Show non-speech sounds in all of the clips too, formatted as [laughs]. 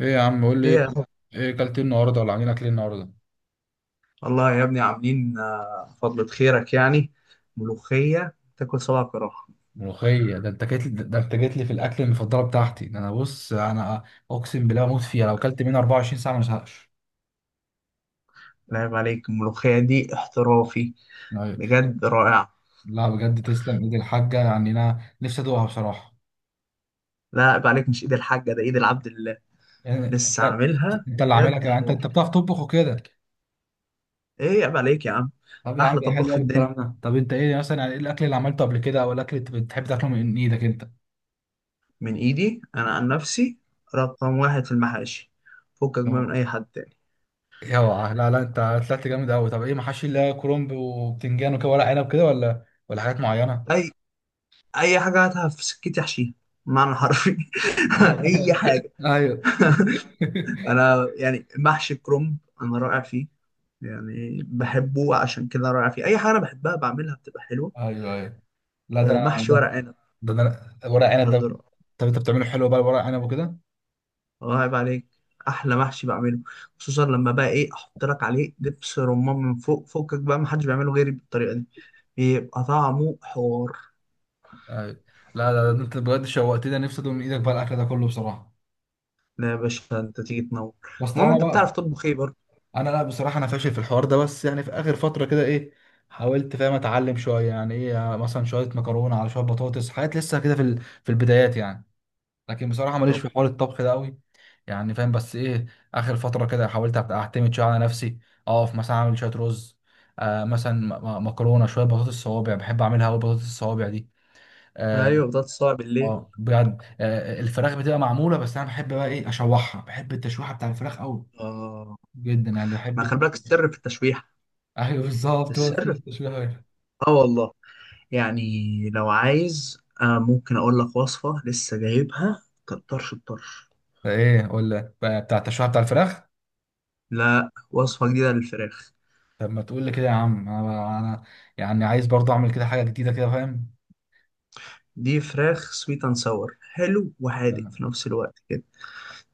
ايه يا عم، قول لي ايه ايه. يا أخو؟ ايه اكلت إيه النهارده ولا عاملين اكل إيه النهارده؟ والله يا ابني عاملين فضلة خيرك يعني. ملوخية تاكل صباع كراهة. ملوخيه؟ ده انت جيت لي في الاكل المفضله بتاعتي. ده انا، بص، انا اقسم بالله اموت فيها، لو اكلت منها 24 ساعه ما ازهقش. لا عيب عليك، الملوخية دي احترافي، أيوة. بجد رائعة. لا بجد، تسلم ايد الحاجه، يعني انا نفسي ادوقها بصراحه. لا عيب عليك، مش ايد الحاجة، ده ايد العبد الله، يعني انت، لسه عاملها انت اللي عاملها بجد كده؟ يعني انت حوار. بتعرف تطبخ وكده؟ ايه عيب عليك يا عم، طب يا عم احلى ده طباخ حلو في قوي الدنيا، الكلام ده. طب انت ايه مثلا، يعني ايه الاكل اللي عملته قبل كده، او الاكل اللي بتحب تاكله من ايدك؟ من ايدي انا عن نفسي. رقم واحد في المحاشي، فكك بقى من انت، اي حد تاني. اوعى، لا لا، انت طلعت جامد قوي. طب ايه محاشي، اللي هي كرنب وبتنجان وكده، ورق عنب كده، ولا حاجات معينه؟ اي اي حاجة هاتها في سكتي احشيها، معنى حرفي. [laughs] اي حاجة. ايوه. [laughs] [laughs] انا يعني محشي كرنب، انا رائع فيه، يعني بحبه عشان كده رائع فيه، اي حاجه انا بحبها بعملها بتبقى حلوه. ايوه ايوه. لا ده انا، محشي ده ورق عنب ده انا ورق عنب ده. برضه رائع. طب انت بتعمله حلو بقى ورق عنب وكده؟ الله يعيب عليك، احلى محشي بعمله، خصوصا لما بقى ايه احط لك عليه دبس رمان من فوق، فوقك بقى محدش بيعمله غيري بالطريقه دي، بيبقى طعمه حوار. ايوه. لا لا، ده انت بجد شوقتني، انا نفسي ادوق من ايدك بقى الاكل ده كله بصراحه. لا يا باشا انت تيجي تنور، بس المهم طالما انت بتعرف بقى. تطبخ ايه برضه؟ انا لا بصراحه انا فاشل في الحوار ده، بس يعني في اخر فتره كده ايه، حاولت، فاهم، اتعلم شويه. يعني ايه مثلا شويه مكرونه، على شويه بطاطس، حاجات لسه كده في البدايات يعني. لكن بصراحه ماليش طب. في حوار الطبخ ده قوي. يعني فاهم، بس ايه، اخر فتره كده حاولت أبقى اعتمد شويه على نفسي. اقف مثلا اعمل شويه رز. مثلا، مكرونه، شويه بطاطس الصوابع، بحب اعملها قوي بطاطس الصوابع دي. اه. ايوه، بطاطس صعب بالليل. بجد الفراخ بتبقى معموله، بس انا بحب بقى ايه اشوحها، بحب التشويحه بتاع الفراخ قوي. اه، جدا، يعني بحب ما خلي بالك التشويح. السر في التشويح. ايوه بالظبط، هو ده السر في... التشويحه بقى. اه والله، يعني لو عايز ممكن أقول لك وصفة لسه جايبها، كانت طرش الطرش. ده ايه، ولا بقى بتاع التشويحه بتاع الفراخ؟ لا، وصفة جديدة للفراخ. طب ما تقول لي كده يا عم، انا يعني عايز برضه اعمل كده حاجه جديده كده، فاهم. دي فراخ سويت اند ساور، حلو وحادق في نفس الوقت كده.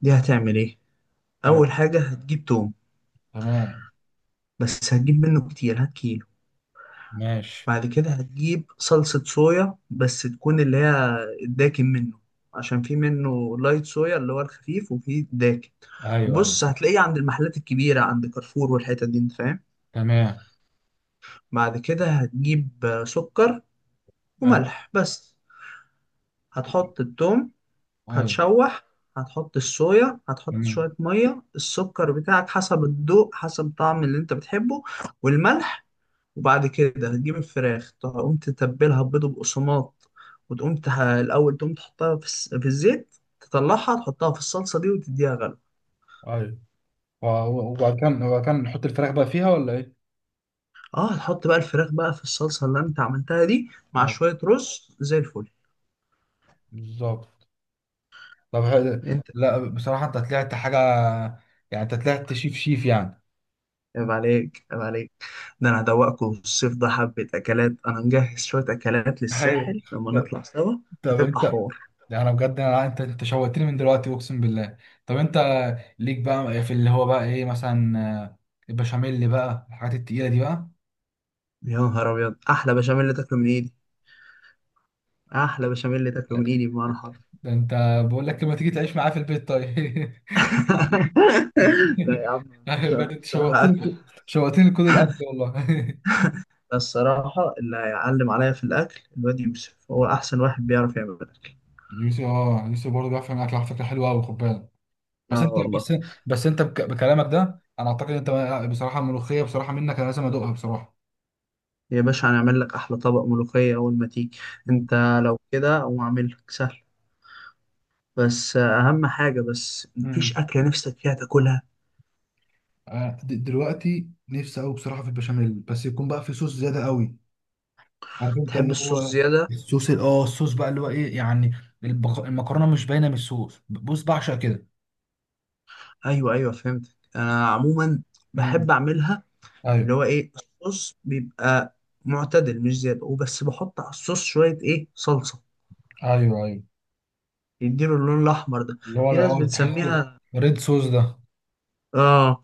دي هتعمل ايه؟ أول حاجة هتجيب توم، تمام. بس هتجيب منه كتير، هات كيلو. ماشي. بعد كده هتجيب صلصة صويا، بس تكون اللي هي الداكن منه، عشان في منه لايت صويا اللي هو الخفيف، وفي داكن. ايوه ايوه. وبص هتلاقيه عند المحلات الكبيرة، عند كارفور والحتت دي، انت فاهم. تمام. بعد كده هتجيب سكر ايوه وملح بس. هتحط التوم، ايوه. هتشوح، هتحط الصويا، هتحط تمام. شوية مية، السكر بتاعك حسب الذوق، حسب الطعم اللي انت بتحبه، والملح. وبعد كده هتجيب الفراخ، تقوم تتبلها بيض وبقسماط، الأول تقوم تحطها في الزيت، تطلعها تحطها في الصلصة دي وتديها غلو. ايوه. وبعد كده نحط الفراخ بقى فيها ولا ايه؟ اه، هتحط بقى الفراخ بقى في الصلصة اللي انت عملتها دي، مع ايوه شوية رز زي الفل. بالظبط. طب حلو. انت، لا بصراحة انت طلعت حاجة، يعني انت طلعت شيف شيف يعني. عيب عليك عيب عليك، ده انا هدوقكم الصيف ده حبة اكلات، انا مجهز شوية اكلات ايوه. للساحل لما طب. نطلع سوا، طب هتبقى انت، حوار. ده انا بجد انا، انت شوقتني من دلوقتي اقسم بالله. طب انت، ليك بقى في اللي هو بقى ايه مثلا، آه، البشاميل اللي بقى الحاجات التقيلة دي بقى؟ يا نهار ابيض، احلى بشاميل اللي تاكله من ايدي، احلى بشاميل اللي تاكله لا. من ايدي بمعنى حرفي. ده انت، بقول لك لما تيجي تعيش معايا في البيت طيب. [laughs] [laughs] لا يا [laughs] عم، مش أيوة بجد انت الصراحة اكل. شوقتني، شوقتني كل الاكل والله. [laughs] ده الصراحة اللي هيعلم عليا في الاكل الواد يوسف، هو احسن واحد بيعرف يعمل اكل. يوسف برضه بيعرف يعمل اكل، على فكره حلوه قوي، خد بالك. بس اه انت، والله. بس بس انت بكلامك ده انا اعتقد انت، بصراحه الملوخيه بصراحه منك انا لازم ادوقها بصراحه. يا باشا هنعمل لك احلى طبق ملوخية اول ما تيجي، مم. انت لو كده اقوم اعمل لك سهل، بس اهم حاجه، بس مفيش مم. اكله نفسك فيها تاكلها. دلوقتي نفسي قوي بصراحه في البشاميل، بس يكون بقى في صوص زياده قوي. عارف انت تحب اللي الصوص هو زياده؟ الصوص ال- اه الصوص بقى، اللي هو ايه يعني، المكرونه مش باينه من الصوص، بص، بعشق كده. ايوه ايوه فهمتك، انا عموما امم بحب اعملها، اللي ايوه هو ايه، الصوص بيبقى معتدل مش زياده، وبس بحط على الصوص شويه ايه صلصه، ايوه. ايوه يديله اللون الاحمر ده، اللي هو في ناس اه تحسه بتسميها. ريد صوص ده. اه،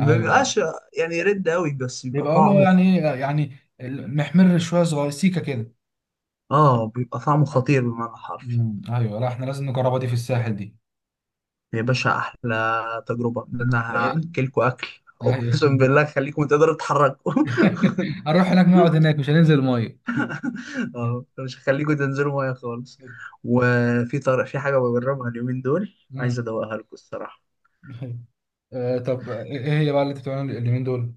ايوه. ايوه بيبقاش يعني رد قوي، بس بيبقى بيبقى اللي هو طعمه يعني ايه يعني، محمر شويه صغير، سيكه كده. اه، بيبقى طعمه خطير بمعنى حرفي. مم. ايوه، لا احنا لازم نجربها دي في الساحل دي. يا باشا احلى تجربه، ان انا لأن- هاكلكوا اكل، اقسم ايوه، بالله خليكم تقدروا تتحركوا. [laughs] [laughs] هنروح هناك نقعد هناك مش هننزل ميه. اه [laughs] مش هخليه جود، انزله ميه خالص. وفي طرق، في حاجه بجربها اليومين دول، عايز مم. ادوقها لكم الصراحه، طب إيه هي بقى اللي انت بتعملها اليومين دول؟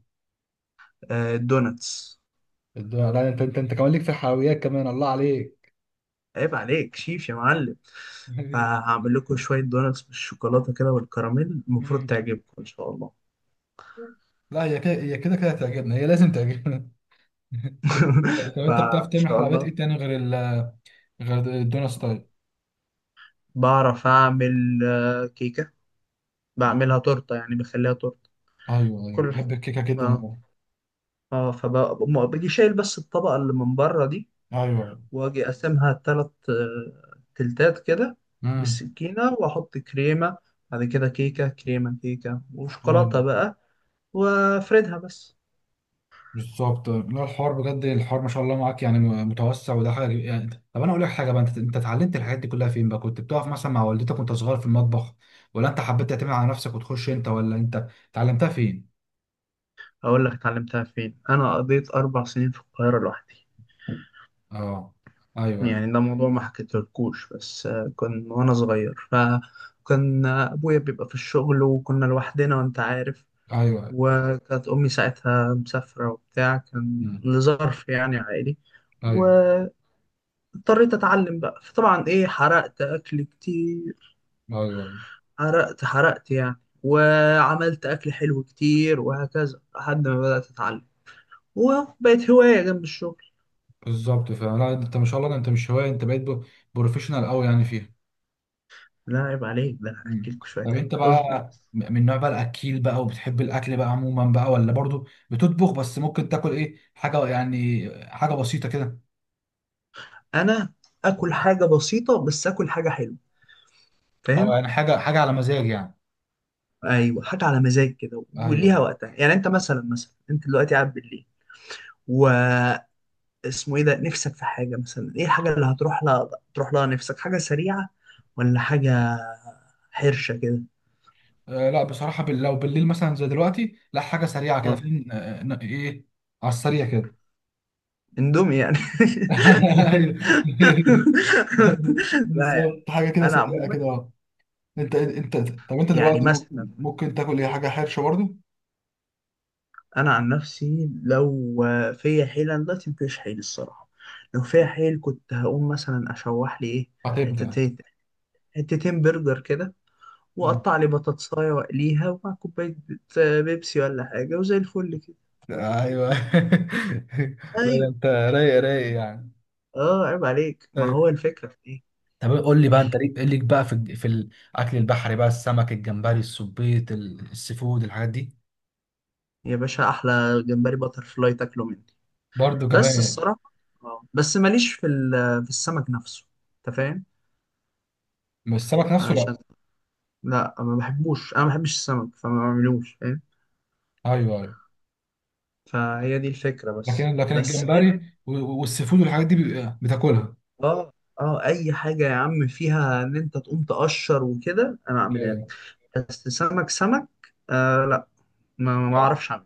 الدوناتس. الدنيا! لا انت كمان ليك في الحلويات كمان؟ الله عليك. عيب عليك شيف يا معلم. [laughs] فهعمل لكم شويه دوناتس بالشوكولاته كده والكراميل، المفروض مم. تعجبكم ان شاء الله. لا هي كده هتعجبنا، هي لازم تعجبنا. [laughs] [laughs] طب انت بتعرف فان تعمل شاء حلويات الله. ايه تاني غير الدونا ستايل؟ بعرف اعمل كيكه، بعملها تورته، يعني بخليها تورته، ايوه ايوه كل حاجه. بحب الكيكه جدا، اه ايوه. اه، فباجي شايل بس الطبقه اللي من بره دي، ايوه. واجي اقسمها تلات تلتات كده، امم. بالسكينة واحط كريمة، بعد كده كيكة كريمة كيكة أيوة. وشوكولاتة بقى، وافردها بس. بالظبط. لا الحوار بجد، الحوار ما شاء الله معاك، يعني متوسع، وده حاجه يعني. طب انا اقول لك حاجه بقى، انت اتعلمت الحاجات دي كلها فين بقى؟ كنت بتقف مثلا مع والدتك وانت صغير في المطبخ، ولا انت حبيت تعتمد على نفسك وتخش انت، ولا انت اتعلمتها فين؟ اقول لك اتعلمتها فين، انا قضيت 4 سنين في القاهرة لوحدي. اه. ايوه ايوه. يعني ده موضوع ما حكيتلكوش، بس كان وانا صغير فكان ابويا بيبقى في الشغل، وكنا لوحدنا، وانت عارف. ايوه. أيوة. وكانت امي ساعتها مسافرة وبتاع، كان مم. لظرف يعني عائلي. ايوه اضطريت اتعلم بقى، فطبعا ايه، حرقت اكل كتير، ايوه, أيوة. حرقت حرقت يعني، وعملت اكل حلو كتير، وهكذا لحد ما بدأت اتعلم، وبقت هواية جنب الشغل. بالظبط. فعلا لا، انت ما شاء الله، ده انت مش هوايه، انت بقيت بروفيشنال قوي يعني فيها. لا عيب عليك، ده انا مم. هاكلكوا شوية طب اكل، انت بقى، اصبر بس. من نوع بقى الاكيل بقى، وبتحب الاكل بقى عموما بقى، ولا برضو بتطبخ بس، ممكن تاكل ايه حاجه يعني حاجه بسيطه كده؟ انا اكل حاجة بسيطة، بس اكل حاجة حلوة، اه فاهم. يعني حاجه حاجه على مزاج يعني. ايوه، حاجة على مزاج كده وليها ايوه. وقتها، يعني انت مثلا انت دلوقتي قاعد بالليل، و اسمه ايه ده، نفسك في حاجة مثلا، ايه الحاجة اللي هتروح لها، تروح لها نفسك حاجة سريعة ولا حاجة حرشة كده؟ لا بصراحه لو بالليل مثلا زي دلوقتي، لا حاجه سريعه كده، اه، فين ايه، على السريع كده. اندومي يعني. [laughs] ايوه. [laughs] [laughs] لا يعني. بالظبط، حاجه كده انا سريعه عموما كده، اه. انت طب انت يعني دلوقتي مثلا، ممكن تاكل ايه حاجه حرشه برضو؟ انا عن نفسي لو فيا حيل، انا دلوقتي مفيش حيل الصراحة، لو فيا حيل كنت هقوم مثلا اشوح لي ايه، هتبدأ. حتتين حتتين برجر كده، واقطع لي بطاطسايه واقليها، ومع كوبايه بيبسي ولا حاجه، وزي الفل كده. ايوه. [laughs] لا ده ايوه، انت رايق رايق يعني. اه عيب عليك، ما أيوة. هو الفكرة في ايه. طب قول لي بقى، انت ال- ليك بقى في الاكل البحري بقى، السمك، الجمبري، السبيط، ال- السيفود، الحاجات دي؟ يا باشا احلى جمبري باتر فلاي تاكله مني، برضه كمان بس يعني. الصراحة اه، بس ماليش في في السمك نفسه، انت فاهم. مش السمك نفسه، عشان، لا. لا ما بحبوش، انا ما بحبش السمك فما بعملوش، فاهم. ايوه ايوه. فهي دي الفكرة، بس لكن بس غير. الجمبري والسيفود والحاجات دي بتاكلها؟ اه اه، اي حاجة يا عم فيها ان انت تقوم تقشر وكده، انا اعملها لك. ايوه. بس سمك سمك، آه لا، ما آه. اعرفش اعمله.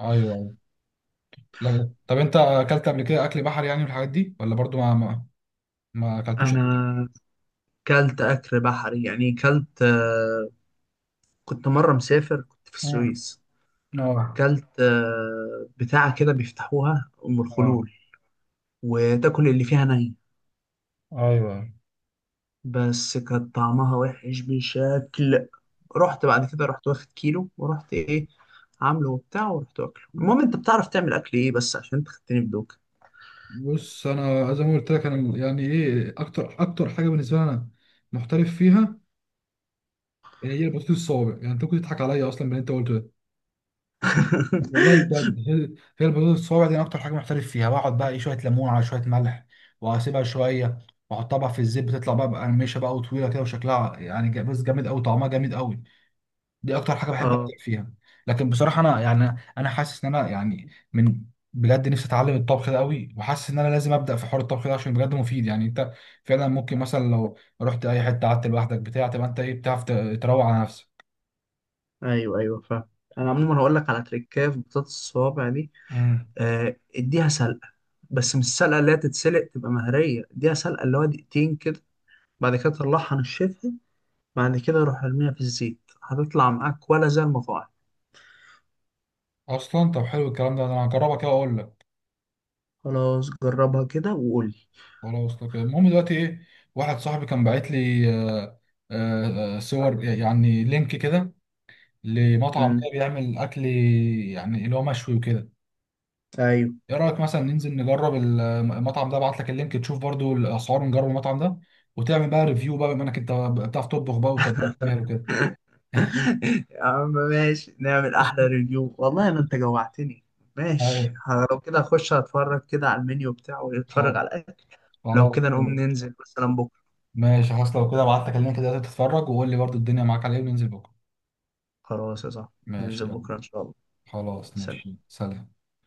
ايوه ايوه. لا طب انت اكلت قبل كده اكل بحري يعني والحاجات دي، ولا برضه ما, ما اكلتوش انا قبل كده؟ كلت اكل بحري يعني، كلت كنت مرة مسافر كنت في مم. السويس، اه. كلت بتاعة كده بيفتحوها أم اه. الخلول، وتاكل اللي فيها ني، ايوه. بس كان طعمها وحش بشكل، رحت بعد كده، رحت واخد كيلو، ورحت ايه عامله وبتاع، ورحت واكله. المهم، انت بتعرف تعمل اكل ايه، بس عشان انت خدتني بدوك. بص انا زي ما قلت لك انا، يعني ايه اكتر، اكتر حاجه بالنسبه لي انا محترف فيها هي البطاطس الصوابع. يعني انت كنت تضحك عليا اصلا من اللي انت قلته ده. والله [laughs] بجد هي البطاطس الصوابع دي انا اكتر حاجه محترف فيها. بقعد بقى ايه، شويه ليمون على شويه ملح، واسيبها شويه، واحطها بقى في الزيت، بتطلع بقى مقرمشه بقى وطويله كده، وشكلها يعني بص جامد قوي، طعمها جامد قوي. دي اكتر حاجه بحب ابدع اه فيها. لكن بصراحه انا يعني انا حاسس ان انا يعني من، بجد نفسي اتعلم الطبخ ده قوي، وحاسس ان انا لازم ابدا في حوار الطبخ ده عشان بجد مفيد، يعني انت فعلا ممكن مثلا لو رحت اي حته قعدت لوحدك بتاع، تبقى انت ايه، بتعرف تروق على نفسك. ايوه ايوه فاهم، انا عموما هقول لك على تريكايه في بطاطس الصوابع دي، امم. اديها سلقه، بس مش السلقه اللي هي تتسلق تبقى مهريه، اديها سلقه اللي هو دقيقتين كده، بعد كده تطلعها نشفها، بعد كده روح ارميها في الزيت، هتطلع معاك ولا زي المطاعم. اصلا طب حلو الكلام ده، انا هجربها كده واقول لك. خلاص، جربها كده وقول لي. خلاص لو كده. المهم دلوقتي ايه، واحد صاحبي كان باعت لي صور، يعني لينك كده، لمطعم امم، كده بيعمل اكل يعني اللي هو مشوي وكده. ايوه. ايه رايك مثلا ننزل نجرب المطعم ده؟ ابعت لك اللينك تشوف برضو الاسعار، ونجرب المطعم ده، وتعمل بقى ريفيو بقى بما انك انت بتعرف تطبخ بقى، وطباخ ماهر وكده. [laughs] يا عم ماشي، نعمل احلى ماشي. ريفيو، والله انا انت جوعتني. ماشي، ايوه. لو كده اخش اتفرج كده على المنيو بتاعه خلاص. واتفرج على الاكل. لو خلاص. كده نقوم ننزل مثلا بكره. ماشي خلاص، لو كده ابعت لك اللينك ده تتفرج، وقول لي برضو الدنيا معاك على ايه، وننزل بكره. خلاص يا صاحبي، ننزل ماشي، يلا. بكره ان شاء الله. خلاص سلام ماشي، سلام.